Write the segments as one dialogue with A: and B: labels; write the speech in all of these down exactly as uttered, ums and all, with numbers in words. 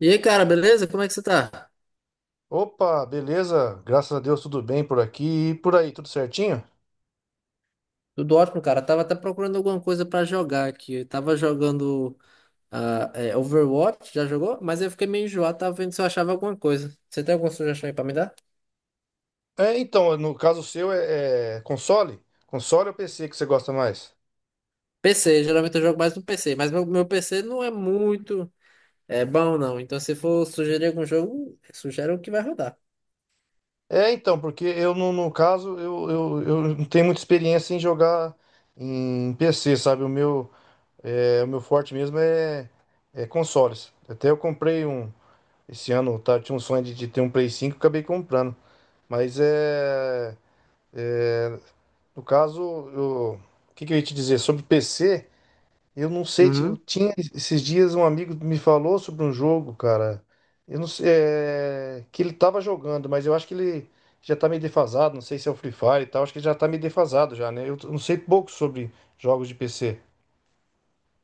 A: E aí, cara, beleza? Como é que você tá?
B: Opa, beleza? Graças a Deus, tudo bem por aqui e por aí, tudo certinho?
A: Tudo ótimo, cara. Tava até procurando alguma coisa pra jogar aqui. Eu tava jogando ah, é, Overwatch, já jogou? Mas eu fiquei meio enjoado, tava vendo se eu achava alguma coisa. Você tem alguma sugestão aí pra me dar?
B: É, então, no caso seu é, é console? Console ou P C que você gosta mais?
A: P C, geralmente eu jogo mais no P C, mas meu, meu P C não é muito é, bom, não. Então, se for sugerir algum jogo, sugere o que vai rodar.
B: É, então, porque eu, no, no caso, eu, eu, eu não tenho muita experiência em jogar em P C, sabe? O meu, é, o meu forte mesmo é, é consoles. Até eu comprei um, esse ano. Tá, tinha um sonho de, de ter um Play cinco, acabei comprando. Mas é, é, no caso, eu- o que que eu ia te dizer? Sobre P C. Eu não sei, ti- eu tinha esses dias um amigo me falou sobre um jogo, cara. Eu não sei, é, que ele tava jogando, mas eu acho que ele já tá meio defasado. Não sei se é o Free Fire e tal. Acho que ele já tá meio defasado já, né? Eu t- não sei pouco sobre jogos de P C.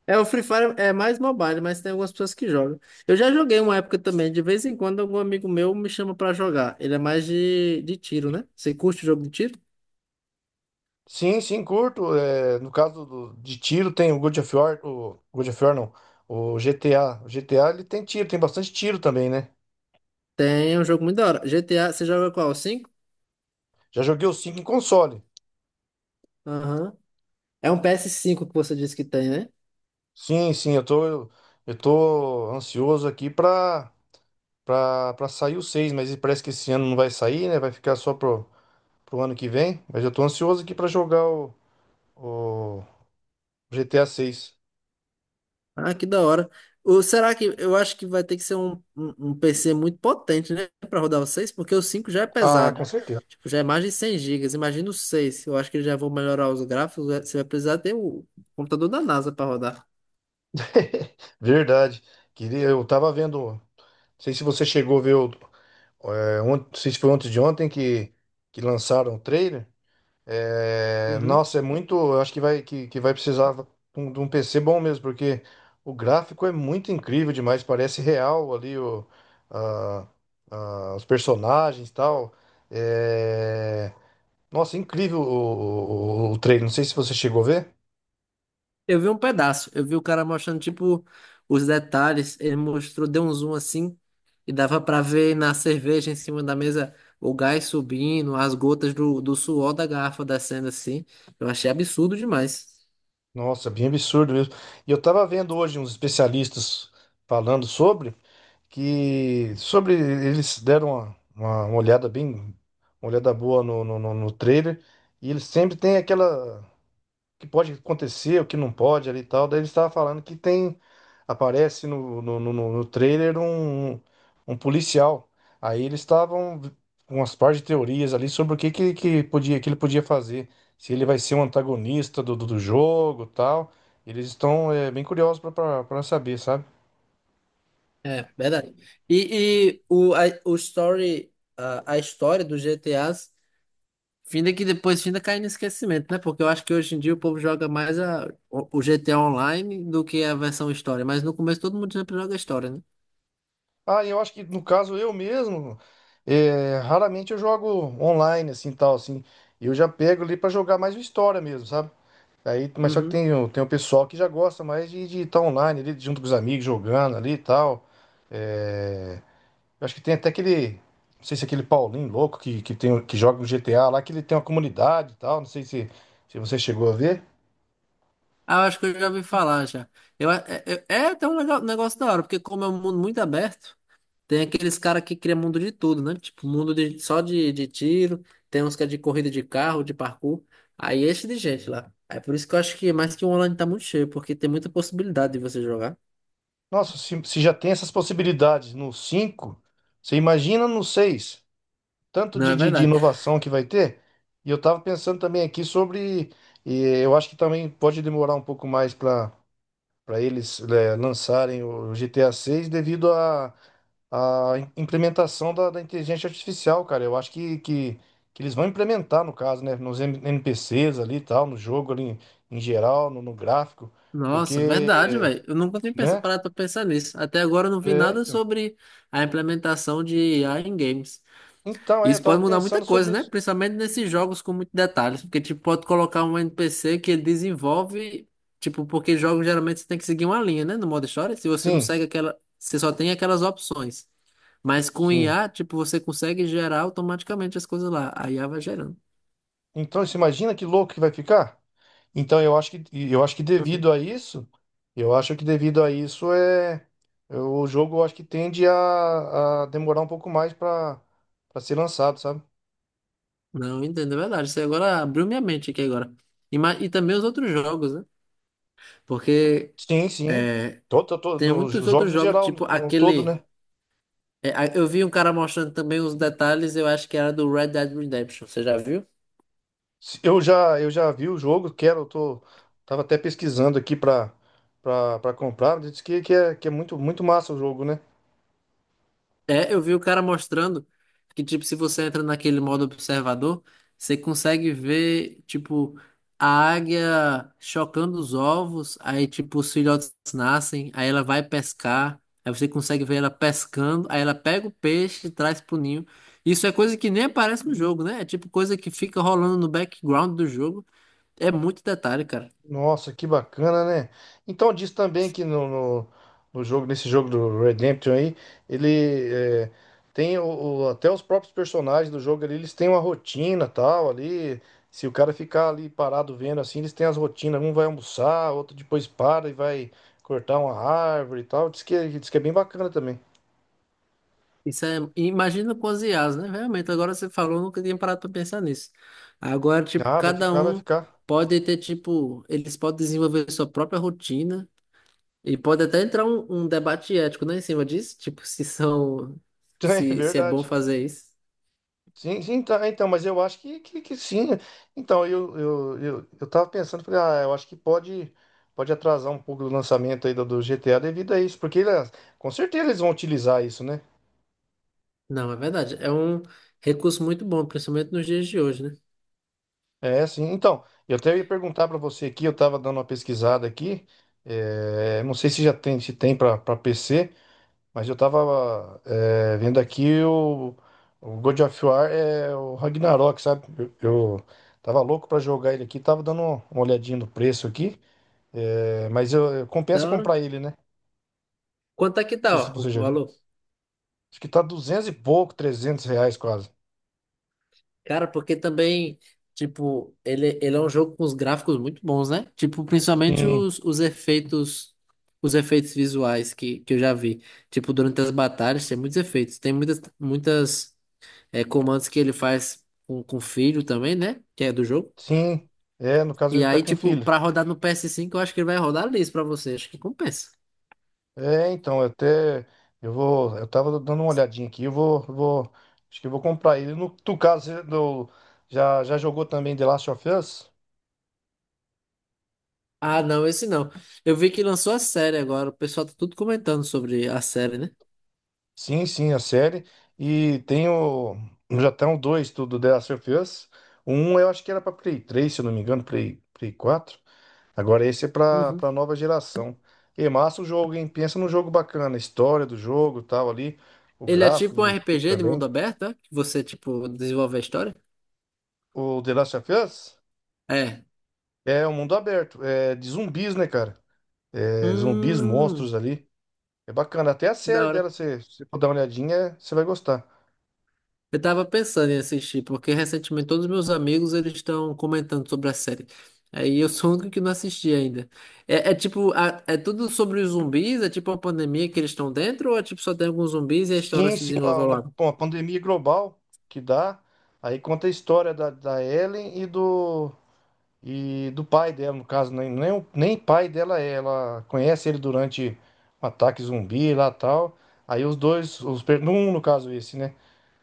A: É, o Free Fire é mais mobile, mas tem algumas pessoas que jogam. Eu já joguei uma época também, de vez em quando algum amigo meu me chama pra jogar. Ele é mais de, de tiro, né? Você curte o jogo de tiro?
B: Sim, sim, curto. É, no caso do- de tiro tem o God of War, o God of War não, o G T A. O G T A ele tem tiro, tem bastante tiro também, né?
A: Tem é um jogo muito da hora. G T A, você joga qual? O cinco?
B: Já joguei o cinco em console.
A: Aham. É um P S cinco que você disse que tem, né?
B: Sim, sim, eu tô eu tô ansioso aqui pra pra, pra sair o seis, mas parece que esse ano não vai sair, né? Vai ficar só pro, pro ano que vem. Mas eu tô ansioso aqui pra jogar o, o G T A seis.
A: Ah, que da hora. O, será que eu acho que vai ter que ser um, um, um P C muito potente, né? Pra rodar o seis? Porque o cinco já é
B: Ah, com
A: pesado.
B: certeza.
A: Tipo, já é mais de cem gigas. Imagina o seis? Eu acho que eles já vão melhorar os gráficos. Você vai precisar ter o computador da NASA pra rodar.
B: Verdade. Queria, eu tava vendo. Não sei se você chegou a ver o. É, ont- não sei se foi antes de ontem que, que lançaram o trailer. É,
A: Uhum.
B: nossa, é muito. Eu acho que vai, que, que vai precisar de um de um P C bom mesmo, porque o gráfico é muito incrível demais. Parece real ali o, a- a- os personagens e tal. É, nossa, incrível o, o, o trailer. Não sei se você chegou a ver.
A: Eu vi um pedaço, eu vi o cara mostrando, tipo, os detalhes, ele mostrou, deu um zoom assim, e dava pra ver na cerveja em cima da mesa o gás subindo, as gotas do, do suor da garrafa descendo assim. Eu achei absurdo demais.
B: Nossa, bem absurdo mesmo. E eu tava vendo hoje uns especialistas falando sobre. Que sobre eles deram uma, uma, uma olhada bem, uma olhada boa no, no, no, no trailer. E eles sempre tem aquela que pode acontecer, o que não pode ali e tal. Daí eles estavam falando que tem, aparece no, no, no, no no trailer um, um policial. Aí eles estavam com umas par de teorias ali sobre o que, que, que podia, que ele podia fazer, se ele vai ser um antagonista do, do, do jogo e tal. Eles estão é, bem curiosos para saber, sabe?
A: É, verdade. E, e o, a, o story, a, a história dos G T As, finda que depois finda cai no esquecimento, né? Porque eu acho que hoje em dia o povo joga mais a, o, o G T A Online do que a versão história, mas no começo todo mundo sempre joga a história, né?
B: Ah, eu acho que no caso eu mesmo, é, raramente eu jogo online assim, tal assim. Eu já pego ali pra jogar mais o história mesmo, sabe? Aí, mas só que
A: Uhum.
B: tem, o- tem o pessoal que já gosta mais de estar online ali junto com os amigos jogando ali e tal. É, eu acho que tem até aquele, não sei se é aquele Paulinho louco que, que tem o- que joga no G T A lá, que ele tem uma comunidade e tal. Não sei se se você chegou a ver.
A: Ah, eu acho que eu já ouvi falar já. Eu, a- é, é é até um legal- negócio da hora, porque como é um mundo muito aberto, tem aqueles caras que criam mundo de tudo, né? Tipo, mundo de, só de, de tiro, tem uns que é de corrida de carro, de parkour. Aí enche de gente lá. É por isso que eu acho que mais que o online tá muito cheio, porque tem muita possibilidade de você jogar.
B: Nossa, se, se já tem essas possibilidades no cinco, você imagina no seis? Tanto
A: Não,
B: de,
A: é
B: de, de
A: verdade.
B: inovação que vai ter. E eu estava pensando também aqui sobre. E eu acho que também pode demorar um pouco mais para para eles, eh, lançarem o G T A seis devido à à im- implementação da, da inteligência artificial, cara. Eu acho que, que, que eles vão implementar, no caso, né, nos N- NPCs ali e tal, no jogo ali em em geral, no, no gráfico,
A: Nossa, verdade,
B: porque,
A: velho. Eu nunca tinha pensa-
B: né?
A: parado pra pensar nisso. Até agora eu não vi
B: É,
A: nada
B: então.
A: sobre a implementação de I A em games.
B: Então, é, eu
A: Isso
B: tava
A: pode mudar muita
B: pensando sobre
A: coisa, né?
B: isso.
A: Principalmente nesses jogos com muitos detalhes, porque tipo pode colocar um N P C que ele desenvolve, tipo, porque jogos geralmente você tem que seguir uma linha, né, no modo história, se você não
B: Sim,
A: segue aquela, você só tem aquelas opções. Mas com
B: sim.
A: I A, tipo, você consegue gerar automaticamente as coisas lá. A I A vai gerando.
B: Então, você imagina que louco que vai ficar? Então, eu acho que, eu acho que
A: Uhum.
B: devido a isso, eu acho que devido a isso, é é, o jogo eu acho que tende a, a demorar um pouco mais para para ser lançado, sabe?
A: Não, entendo, é verdade. Você agora abriu minha mente aqui agora. E, ma- e também os outros jogos, né? Porque
B: Sim, sim.
A: é,
B: Tô, tô- tô-
A: tem
B: nos
A: muitos
B: jogos
A: outros
B: em
A: jogos,
B: geral, no,
A: tipo
B: no todo,
A: aquele.
B: né?
A: É, a- eu vi um cara mostrando também os detalhes, eu acho que era do Red Dead Redemption, você já viu?
B: Se- Eu já eu já vi o jogo, quero, eu tô tava até pesquisando aqui para para comprar, mas diz que, que é que é muito muito massa o jogo, né?
A: É, eu vi o cara mostrando que, tipo, se você entra naquele modo observador, você consegue ver, tipo, a águia chocando os ovos, aí, tipo, os filhotes nascem, aí ela vai pescar, aí você consegue ver ela pescando, aí ela pega o peixe e traz pro ninho. Isso é coisa que nem aparece no jogo, né? É tipo coisa que fica rolando no background do jogo. É muito detalhe, cara.
B: Nossa, que bacana, né? Então diz também que no, no, no jogo, nesse jogo do Redemption aí, ele é, tem o, o- até os próprios personagens do jogo ali, eles têm uma rotina tal ali. Se o cara ficar ali parado vendo assim, eles têm as rotinas. Um vai almoçar, outro depois para e vai cortar uma árvore e tal. Diz que, diz que é bem bacana também.
A: Isso é, imagina com as I As, né? Realmente, agora você falou, eu nunca tinha parado para pensar nisso. Agora, tipo,
B: Ah, vai
A: cada
B: ficar, vai
A: um
B: ficar.
A: pode ter, tipo, eles podem desenvolver sua própria rotina e pode até entrar um, um debate ético, né, em cima disso, tipo, se são,
B: É
A: se, se é bom
B: verdade.
A: fazer isso.
B: Sim, sim, tá, então, mas eu acho que, que, que sim. Então, eu, eu, eu, eu tava pensando, falei, ah, eu acho que pode, pode atrasar um pouco o lançamento aí do, do G T A devido a isso, porque ele- com certeza eles vão utilizar isso, né?
A: Não, é verdade. É um recurso muito bom, principalmente nos dias de hoje, né?
B: É, sim. Então, eu até ia perguntar para você aqui, eu tava dando uma pesquisada aqui, é, não sei se já tem, se tem para pra P C. Mas eu tava é, vendo aqui o, o God of War, é, o Ragnarok, sabe? Eu, eu tava louco para jogar ele aqui, tava dando uma olhadinha no preço aqui. É, mas eu, eu- compensa
A: Da hora.
B: comprar ele, né? Não
A: Quanto é que
B: sei
A: tá,
B: se
A: ó, o
B: você já viu.
A: valor?
B: Acho que tá duzentos e pouco, trezentos reais quase.
A: Cara, porque também, tipo, ele, ele é um jogo com os gráficos muito bons, né? Tipo, principalmente
B: Sim,
A: os, os efeitos, os efeitos visuais que, que eu já vi. Tipo, durante as batalhas tem muitos efeitos. Tem muitas, muitas é, comandos que ele faz com, com o filho também, né? Que é do jogo.
B: sim. É, no caso
A: E
B: ele tá
A: aí,
B: com
A: tipo,
B: filho.
A: pra rodar no P S cinco eu acho que ele vai rodar liso pra você. Acho que compensa.
B: É, então, eu até. Eu vou. Eu tava dando uma olhadinha aqui. Eu vou. Eu vou acho que eu vou comprar ele. No tu caso, você do, já, já jogou também The Last of Us?
A: Ah, não, esse não. Eu vi que lançou a série agora. O pessoal tá tudo comentando sobre a série, né?
B: Sim, sim, a série. E tem o. Já estão dois do, do The Last of Us. Um eu acho que era pra Play três, se eu não me engano, Play, Play quatro. Agora esse é pra
A: Uhum.
B: para nova geração. E massa o jogo, hein? Pensa num jogo bacana, a história do jogo, tal ali, o
A: Ele é
B: gráfico
A: tipo um
B: do jogo
A: R P G de
B: também.
A: mundo aberto, é? Que você, tipo, desenvolve a história?
B: O The Last of Us
A: É.
B: é um mundo aberto, é de zumbis, né, cara? É, zumbis,
A: Hum,
B: monstros ali. É bacana. Até a
A: da
B: série
A: hora.
B: dela, se você for dar uma olhadinha, você vai gostar.
A: Eu tava pensando em assistir, porque recentemente todos os meus amigos eles estão comentando sobre a série. Aí eu sou o único que não assisti ainda. É, é tipo, a- é tudo sobre os zumbis? É tipo uma pandemia que eles estão dentro? Ou é tipo só tem alguns zumbis e a história
B: Sim,
A: se
B: sim,
A: desenvolve
B: uma,
A: ao
B: uma-
A: lado?
B: uma pandemia global que dá. Aí conta a história da, da Ellen e do, E do pai dela, no caso, nem, nem, nem pai dela é. Ela conhece ele durante um ataque zumbi lá tal. Aí os dois, os, per- no um no caso esse, né?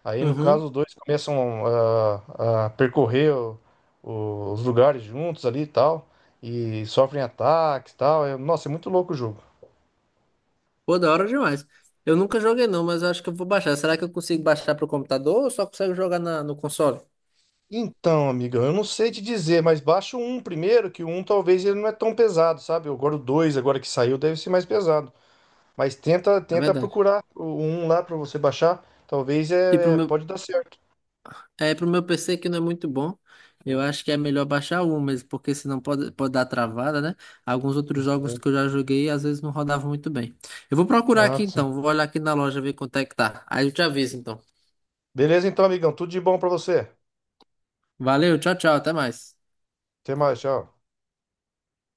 B: Aí no caso
A: Uhum.
B: os dois começam a, a percorrer o- o- os lugares juntos ali e tal. E sofrem ataques e tal. É- nossa, é muito louco o jogo.
A: Pô, da hora demais. Eu nunca joguei não, mas eu acho que eu vou baixar. Será que eu consigo baixar pro computador ou só consigo jogar na- no console?
B: Então, amiga, eu não sei te dizer, mas baixa o um primeiro, que o um talvez ele não é tão pesado, sabe? Agora o dois agora que saiu, deve ser mais pesado. Mas tenta,
A: É
B: tenta
A: verdade.
B: procurar um lá para você baixar. Talvez
A: E pro
B: é,
A: meu.
B: pode dar certo.
A: É, pro meu P C que não é muito bom, eu acho que é melhor baixar o um mesmo, porque senão pode, pode dar travada, né? Alguns outros jogos
B: Sim.
A: que eu já joguei, às vezes não rodavam muito bem. Eu vou procurar
B: Ah,
A: aqui
B: sim.
A: então, vou olhar aqui na loja ver quanto é que tá. Aí eu te aviso então.
B: Beleza então, amigão. Tudo de bom para você.
A: Valeu, tchau, tchau, até mais.
B: Até mais, tchau.